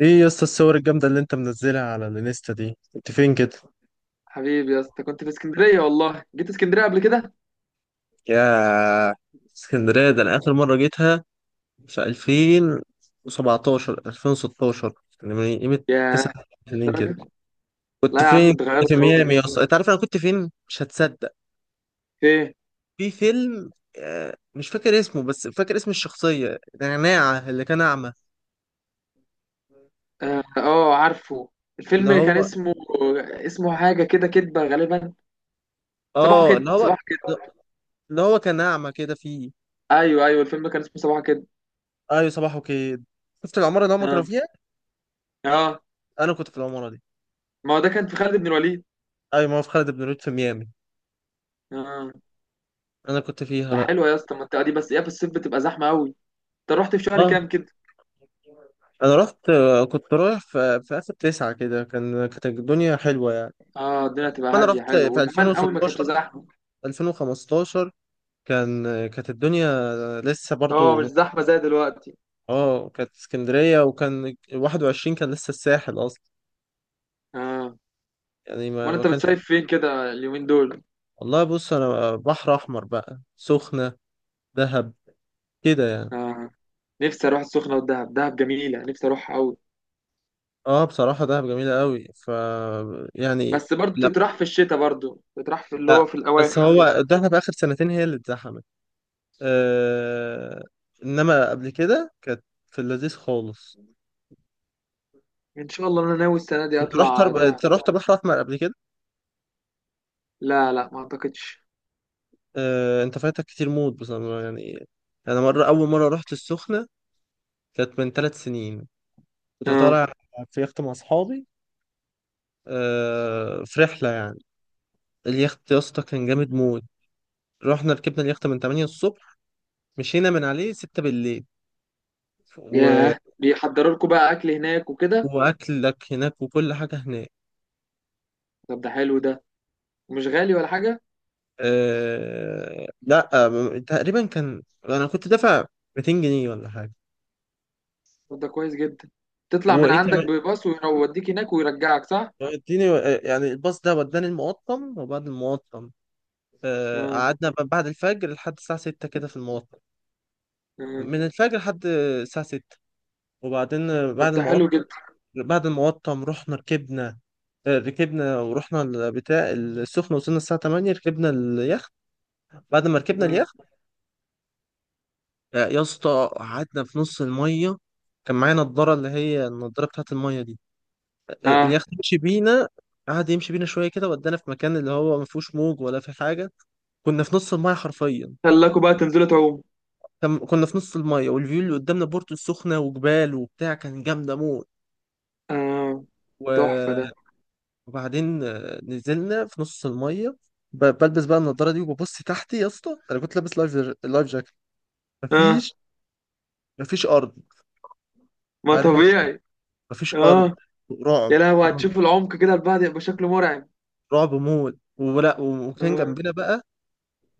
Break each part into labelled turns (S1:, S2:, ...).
S1: ايه يا اسطى، الصور الجامدة اللي انت منزلها على الانستا دي، انت فين كده؟
S2: حبيبي يا اسطى، كنت في اسكندرية، والله جيت اسكندرية قبل كده.
S1: يا. اسكندرية ده أنا آخر مرة جيتها في 2017 2016، يعني من قيمة تسع
S2: ياه،
S1: سنين كده.
S2: للدرجة!
S1: كنت
S2: لا يا عم،
S1: فين؟ كنت
S2: اتغيرت
S1: في ميامي يا اسطى.
S2: خالص.
S1: أنت عارف أنا كنت فين؟ مش هتصدق،
S2: ايه؟
S1: في فيلم. مش فاكر اسمه، بس فاكر اسم الشخصية نعناع، اللي كان أعمى.
S2: اه، عارفه.
S1: اللي
S2: الفيلم كان
S1: هو،
S2: اسمه، اسمه حاجة كده، كدبة غالبا. صباحه
S1: اللي
S2: كده
S1: هو،
S2: صباحه كده
S1: اللي هو كان أعمى كده فيه.
S2: ايوه ايوه، الفيلم كان اسمه صباحه كده.
S1: أيوة، صباح وكيد. شفت العمارة اللي هما
S2: اه
S1: كانوا فيها؟
S2: اه،
S1: أنا كنت في العمارة دي.
S2: ما هو ده كان في خالد بن الوليد.
S1: ايوه، ما هو في خالد بن الوليد، في ميامي.
S2: اه.
S1: انا كنت فيها
S2: ده
S1: بقى.
S2: حلوة يا اسطى المنطقة دي، بس ايه، في الصيف بتبقى زحمة قوي. انت رحت في شهر
S1: اه.
S2: كام كده؟
S1: انا رحت، كنت رايح في اخر تسعة كده، كانت الدنيا حلوة يعني.
S2: اه، الدنيا تبقى
S1: انا
S2: هادية،
S1: رحت
S2: حلو
S1: في
S2: وزمان قوي ما كانتش
S1: 2016
S2: زحمة.
S1: 2015. كانت الدنيا لسه
S2: اه
S1: برضو
S2: مش زحمة زي دلوقتي.
S1: اه كانت اسكندرية، وكان 21، كان لسه الساحل اصلا
S2: اه.
S1: يعني، ما
S2: امال
S1: ما
S2: انت
S1: كانش.
S2: بتصيف فين كده اليومين دول؟
S1: والله بص، انا بحر احمر بقى، سخنة، دهب، كده يعني.
S2: آه. نفسي اروح السخنه والدهب، دهب جميله، نفسي اروح قوي.
S1: اه بصراحة دهب جميلة قوي، ف يعني،
S2: بس برضو تتراح في الشتاء، برضو تتراح في اللي هو في
S1: بس
S2: الاواخر
S1: هو
S2: كده.
S1: الدخله في اخر سنتين هي اللي اتزحمت. آه، انما قبل كده كانت في اللذيذ خالص.
S2: ان شاء الله، انا ناوي السنه دي اطلع دهب.
S1: انت رحت بحر احمر قبل كده؟
S2: لا لا، ما اعتقدش.
S1: آه انت فايتك كتير موت بصراحه يعني. انا مره اول مره رحت السخنه كانت من 3 سنين. كنت
S2: اه.
S1: طالع في يخت مع اصحابي، آه في رحله يعني. اليخت يا اسطى كان جامد موت. رحنا ركبنا اليخت من 8 الصبح، مشينا من عليه 6 بالليل و...
S2: ياه، بيحضروا لكم بقى اكل هناك وكده؟
S1: واكلك هناك وكل حاجه هناك.
S2: طب ده حلو ده. مش غالي ولا حاجه؟
S1: آه لا آه، تقريبا كان انا كنت دافع 200 جنيه ولا حاجه.
S2: طب ده كويس جدا. تطلع من
S1: وايه
S2: عندك
S1: كمان،
S2: بباص ويوديك هناك ويرجعك، صح؟
S1: اديني، يعني الباص ده وداني المقطم، وبعد المقطم
S2: اه
S1: قعدنا بعد الفجر لحد الساعه 6 كده في المقطم.
S2: اه،
S1: من الفجر لحد الساعه 6. وبعدين
S2: طب
S1: بعد
S2: ده حلو
S1: المقطم،
S2: جدا.
S1: رحنا ركبنا، ركبنا ورحنا البتاع السخنة. وصلنا الساعة 8، ركبنا اليخت. بعد ما ركبنا
S2: مم.
S1: اليخت، يا اسطى، قعدنا في نص المية. كان معايا نضارة، اللي هي النضارة بتاعت المية دي.
S2: اه.
S1: اليخت يمشي بينا، قعد يمشي بينا شويه كده، ودانا في مكان اللي هو ما فيهوش موج ولا في حاجه. كنا في نص المايه حرفيا.
S2: خلاكوا بقى تنزلوا تعوم؟
S1: كنا في نص المايه، والفيو اللي قدامنا بورتو السخنه وجبال وبتاع، كان جامده موت
S2: اه تحفه
S1: و-
S2: ده.
S1: وبعدين نزلنا في نص المايه. بلبس بقى النضاره دي، وببص تحتي يا اسطى. انا كنت لابس لايف لايف جاكيت.
S2: اه،
S1: مفيش مفيش ارض.
S2: ما
S1: عارف انت؟
S2: طبيعي.
S1: مفيش ارض.
S2: اه،
S1: رعب،
S2: يا لهوي،
S1: رعب
S2: هتشوف العمق كده، البعد يبقى شكله مرعب.
S1: رعب موت ولا. وكان
S2: آه.
S1: جنبنا بقى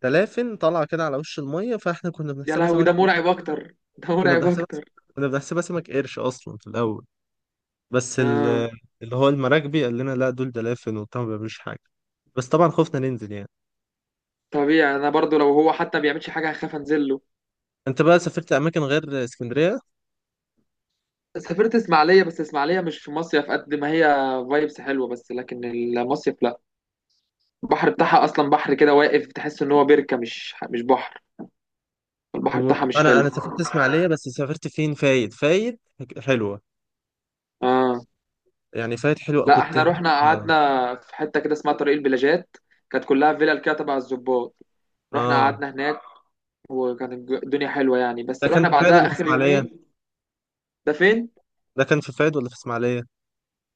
S1: دلافن طالعه كده على وش الميه، فاحنا كنا
S2: يا
S1: بنحسبها
S2: لهوي،
S1: سمك.
S2: ده مرعب اكتر، ده
S1: كنا
S2: مرعب
S1: بنحسبها
S2: اكتر.
S1: كنا بنحسبها سمك قرش اصلا في الاول. بس
S2: اه،
S1: ال- اللي هو المراكبي قال لنا لا، دول دلافين وبتاع ما بيعملوش حاجه. بس طبعا خفنا ننزل يعني.
S2: طبيعي، انا برضو لو هو حتى ما بيعملش حاجه هخاف انزل له.
S1: انت بقى سافرت اماكن غير اسكندريه؟
S2: سافرت اسماعيليه، بس اسماعيليه مش في مصيف قد ما هي فايبس حلوه، بس لكن المصيف لا. البحر بتاعها اصلا بحر كده واقف، تحس ان هو بركه مش بحر. البحر بتاعها مش
S1: انا
S2: حلو.
S1: سافرت اسماعيليه، بس سافرت فين، فايد. فايد حلوه
S2: اه.
S1: يعني، فايد حلوه،
S2: لا،
S1: كنت
S2: احنا
S1: هناك.
S2: رحنا قعدنا في حته كده اسمها طريق البلاجات، كانت كلها فيلا كده تبع الظباط. رحنا
S1: اه.
S2: قعدنا هناك، وكانت الدنيا حلوة يعني، بس
S1: ده كان
S2: رحنا
S1: في فايد
S2: بعدها
S1: ولا في
S2: آخر
S1: اسماعيليه
S2: يومين. ده فين؟
S1: ده كان في فايد ولا في اسماعيليه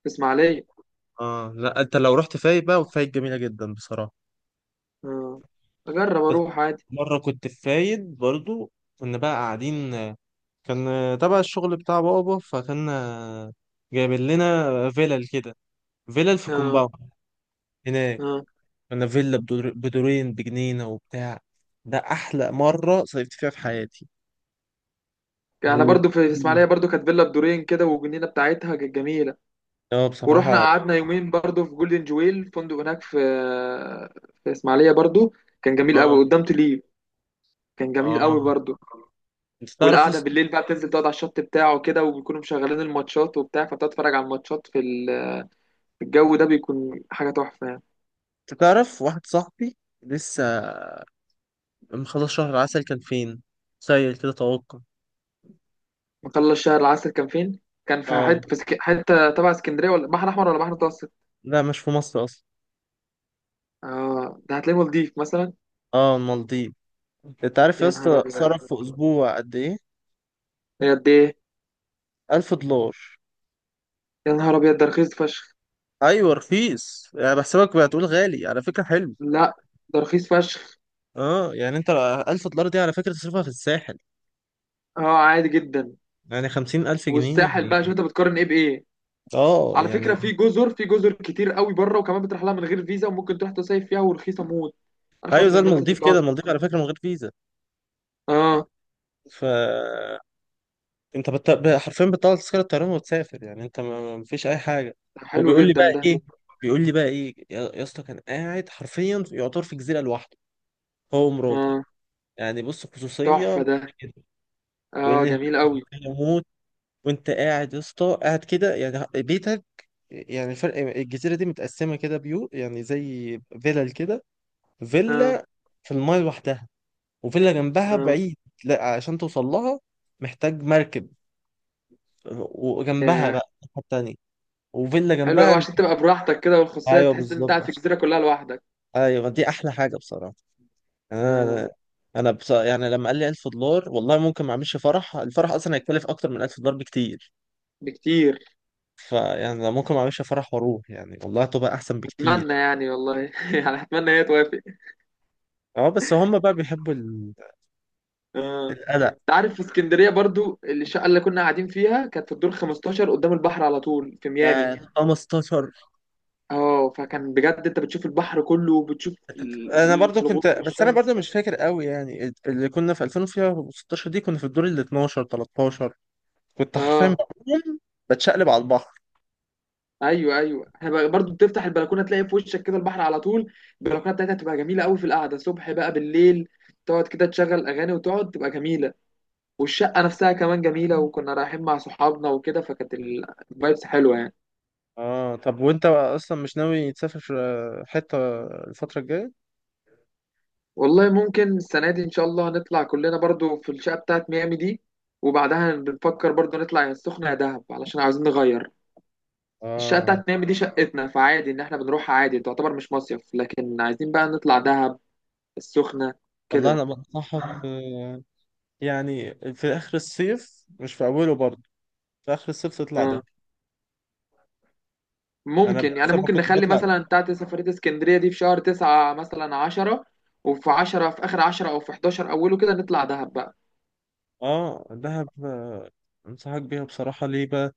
S2: في إسماعيلية.
S1: اه لا، انت لو رحت فايد بقى، وفايد جميله جدا بصراحه.
S2: آه. أجرب
S1: بس
S2: أروح عادي.
S1: مرة كنت في فايد برضو، كنا بقى قاعدين. كان تبع الشغل بتاع بابا، فكان جايبين لنا فيلل كده، فيلل في
S2: آه.
S1: كومباوند هناك.
S2: آه.
S1: كنا فيلا بدورين بجنينة وبتاع. ده أحلى مرة صيفت فيها في حياتي،
S2: أنا برضو في إسماعيلية
S1: وبجنينة.
S2: برضو كانت فيلا بدورين كده، والجنينة بتاعتها كانت جميلة.
S1: اه
S2: ورحنا
S1: بصراحة.
S2: قعدنا يومين برضو في جولدن جويل، فندق هناك في إسماعيلية برضو. كان جميل
S1: اه
S2: قوي قدام تليب. كان جميل
S1: اه.
S2: قوي برضو.
S1: انت تعرف
S2: والقعدة
S1: اس-
S2: بالليل بقى، بتنزل تقعد على الشط بتاعه كده، وبيكونوا مشغلين الماتشات وبتاع، فبتتفرج على الماتشات في الجو ده، بيكون حاجة تحفة يعني.
S1: انت تعرف واحد صاحبي لسه مخلص شهر العسل، كان فين؟ سيل كده توقع.
S2: مطلع الشهر العسل كان فين؟ كان في حتة
S1: اه
S2: حتة تبع اسكندرية، ولا بحر أحمر، ولا بحر متوسط؟
S1: لا، مش في مصر أصلا.
S2: اه، ده هتلاقيه مالديف مثلا.
S1: اه المالديف. انت عارف يا
S2: يا نهار
S1: اسطى
S2: أبيض.
S1: صرف في اسبوع قد ايه؟
S2: هي قد إيه؟
S1: 1000 دولار.
S2: يا نهار أبيض، ده رخيص فشخ.
S1: ايوه رخيص، يعني بحسبك بتقول غالي على فكره، حلو.
S2: لا، ده رخيص فشخ.
S1: اه يعني انت، 1000 دولار دي على فكره تصرفها في الساحل.
S2: اه، عادي جدا.
S1: يعني 50,000 جنيه
S2: والساحل بقى، شوف
S1: يعني.
S2: أنت بتقارن إيه بإيه؟
S1: اه
S2: على فكرة،
S1: يعني،
S2: في جزر كتير قوي بره، وكمان بتروح لها من غير فيزا، وممكن تروح تصيف فيها ورخيصة موت،
S1: ايوه
S2: أرخص
S1: زي
S2: مما أنت
S1: المالديف
S2: تتوقع.
S1: كده، المالديف على فكره من غير فيزا.
S2: اه،
S1: ف انت حرفيا بتطلع تذكره طيران وتسافر يعني. انت ما فيش اي حاجه.
S2: ده حلو
S1: وبيقول لي
S2: جدا
S1: بقى
S2: ده.
S1: ايه بيقول لي بقى ايه يا اسطى، كان قاعد حرفيا يعتبر في جزيره لوحده، هو ومراته.
S2: اه،
S1: يعني بص،
S2: تحفة
S1: خصوصيه.
S2: ده.
S1: يقول
S2: اه،
S1: لي هناك
S2: جميل قوي.
S1: مستحيل اموت. وانت قاعد يا اسطى، قاعد كده يعني بيتك. يعني فرق الجزيره دي متقسمه كده بيو، يعني زي فيلل كده،
S2: اه
S1: فيلا في المايه لوحدها، وفيلا جنبها بعيد. لا عشان توصل لها محتاج مركب. وجنبها بقى
S2: اه،
S1: الناحية التانية، وفيلا
S2: حلو
S1: جنبها.
S2: قوي عشان تبقى براحتك كده، والخصوصية
S1: ايوه
S2: تحس ان انت
S1: بالظبط.
S2: قاعد في الجزيرة كلها لوحدك.
S1: ايوه دي احلى حاجه بصراحه. يعني
S2: آه،
S1: انا، يعني لما قال لي 1000 دولار، والله ممكن ما اعملش فرح. الفرح اصلا هيكلف اكتر من 1000 دولار بكتير.
S2: بكتير.
S1: فيعني لو ممكن ما اعملش فرح واروح يعني، والله تبقى احسن
S2: اتمنى
S1: بكتير.
S2: يعني والله، يعني اتمنى هي توافق.
S1: اه بس هم بقى بيحبوا
S2: آه،
S1: القلق.
S2: انت عارف في اسكندرية برضو، الشقة اللي كنا قاعدين فيها كانت في الدور 15، قدام البحر على طول في ميامي.
S1: يعني 15.
S2: اه، فكان بجد انت بتشوف البحر كله، وبتشوف
S1: انا برضو
S2: في
S1: كنت،
S2: الغروب
S1: بس انا
S2: والشمس.
S1: برضو مش فاكر قوي يعني. اللي كنا في 2016 دي كنا في الدور ال 12 13. كنت حرفيا
S2: اه.
S1: بقوم بتشقلب على البحر.
S2: ايوه ايوه، احنا برضو بتفتح البلكونه تلاقي في وشك كده البحر على طول. البلكونه بتاعتها تبقى جميله قوي في القعده، صبح بقى بالليل، تقعد كده تشغل اغاني وتقعد، تبقى جميله. والشقة نفسها كمان جميلة، وكنا رايحين مع صحابنا وكده، فكانت الفايبس حلوة يعني.
S1: اه طب، وانت بقى اصلا مش ناوي تسافر حتة الفترة الجاية؟
S2: والله ممكن السنة دي إن شاء الله نطلع كلنا برضو في الشقة بتاعت ميامي دي، وبعدها بنفكر برضو نطلع يا السخنة يا دهب، علشان عاوزين نغير. الشقة
S1: اه
S2: بتاعت ميامي دي شقتنا، فعادي إن إحنا بنروحها، عادي، تعتبر مش مصيف، لكن عايزين بقى نطلع دهب، السخنة،
S1: والله،
S2: كده.
S1: انا بنصحك، يعني في اخر الصيف مش في اوله برضو، في اخر الصيف تطلع
S2: آه.
S1: ده. انا
S2: ممكن يعني،
S1: لسه ما
S2: ممكن
S1: كنت
S2: نخلي
S1: بطلع.
S2: مثلا بتاعت سفرية اسكندرية دي في شهر 9، مثلا 10. وفي 10، في آخر 10، أو في 11 أوله كده نطلع دهب بقى.
S1: اه دهب، انصحك بيها بصراحة. ليه بقى؟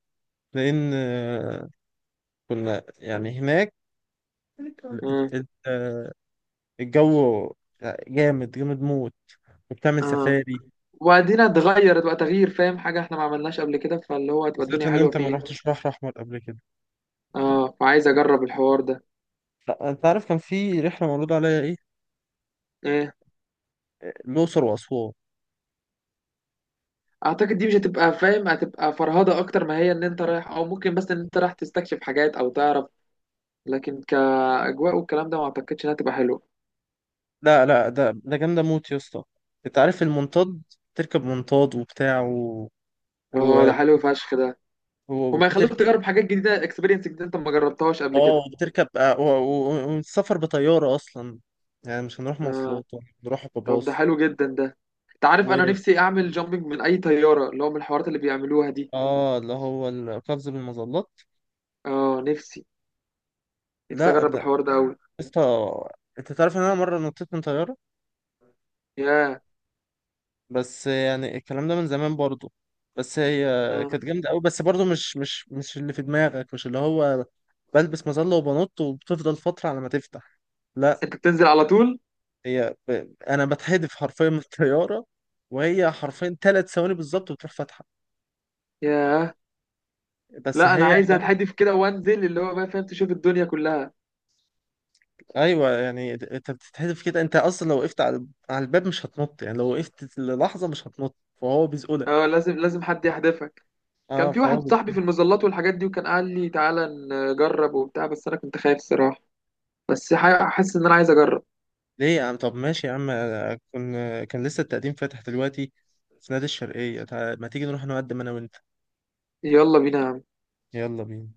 S1: لان كنا يعني هناك ال-
S2: آه.
S1: ال- آه، الجو، جامد جامد موت، وبتعمل
S2: اه،
S1: سفاري.
S2: وبعدين اتغير، تبقى تغيير، فاهم، حاجة احنا ما عملناش قبل كده، فاللي هو هتبقى
S1: بالذات
S2: الدنيا
S1: ان
S2: حلوة
S1: انت ما
S2: فيها.
S1: رحتش بحر احمر قبل كده.
S2: اه، فعايز اجرب الحوار ده.
S1: لا انت عارف، كان في رحلة معروض عليا ايه؟
S2: ايه؟
S1: الاقصر واسوان.
S2: اعتقد دي مش هتبقى، فاهم، هتبقى فرهدة اكتر، ما هي ان انت رايح، او ممكن بس ان انت رايح تستكشف حاجات او تعرف، لكن كاجواء والكلام ده ما اعتقدش انها تبقى حلوة.
S1: لا لا، ده جامدة موت يا اسطى. انت عارف المنطاد؟ تركب منطاد وبتاع
S2: اه،
S1: و...
S2: ده حلو فشخ ده. هما يخلوك
S1: وبتركب.
S2: تجرب حاجات جديدة، اكسبيرينس جديدة انت ما جربتهاش قبل كده.
S1: اه وبتركب آه، والسفر بطيارة أصلا. يعني مش هنروح
S2: اه،
S1: مواصلات، هنروح
S2: طب ده
S1: بباص
S2: حلو جدا ده. انت عارف،
S1: و
S2: انا نفسي اعمل جامبينج من اي طيارة، اللي هو من الحوارات اللي بيعملوها دي.
S1: اه، اللي هو القفز بالمظلات.
S2: اه. نفسي
S1: لا
S2: اجرب
S1: ده
S2: الحوار ده قوي.
S1: لسه. انت تعرف ان انا مرة نطيت من طيارة؟
S2: ياه.
S1: بس يعني الكلام ده من زمان برضو. بس هي
S2: آه.
S1: كانت جامدة قوي. بس برضو مش اللي في دماغك، مش اللي هو بلبس مظلة وبنط وبتفضل فترة على ما تفتح. لا.
S2: انت بتنزل على طول؟
S1: انا بتحدف حرفيا من الطيارة، وهي حرفيا 3 ثواني بالظبط بتروح فاتحة.
S2: ياه.
S1: بس
S2: لا، انا
S1: هي،
S2: عايز اتحدف كده وانزل، اللي هو بقى، فاهم، تشوف الدنيا كلها.
S1: ايوه يعني انت بتتحذف كده. انت اصلا لو وقفت على الباب مش هتنط يعني، لو وقفت للحظه مش هتنط. فهو بيزقلك.
S2: اه، لازم لازم حد يحدفك. كان
S1: اه
S2: في
S1: فهو
S2: واحد صاحبي
S1: بيزقلك.
S2: في المظلات والحاجات دي، وكان قال لي تعالى نجرب وبتاع، بس انا كنت خايف الصراحه، بس حاسس ان انا عايز اجرب.
S1: ليه يا عم؟ طب ماشي يا عم. كن كان لسه التقديم فاتح دلوقتي في نادي الشرقيه ما تيجي نروح نقدم انا وانت؟
S2: يلا بينا.
S1: يلا بينا.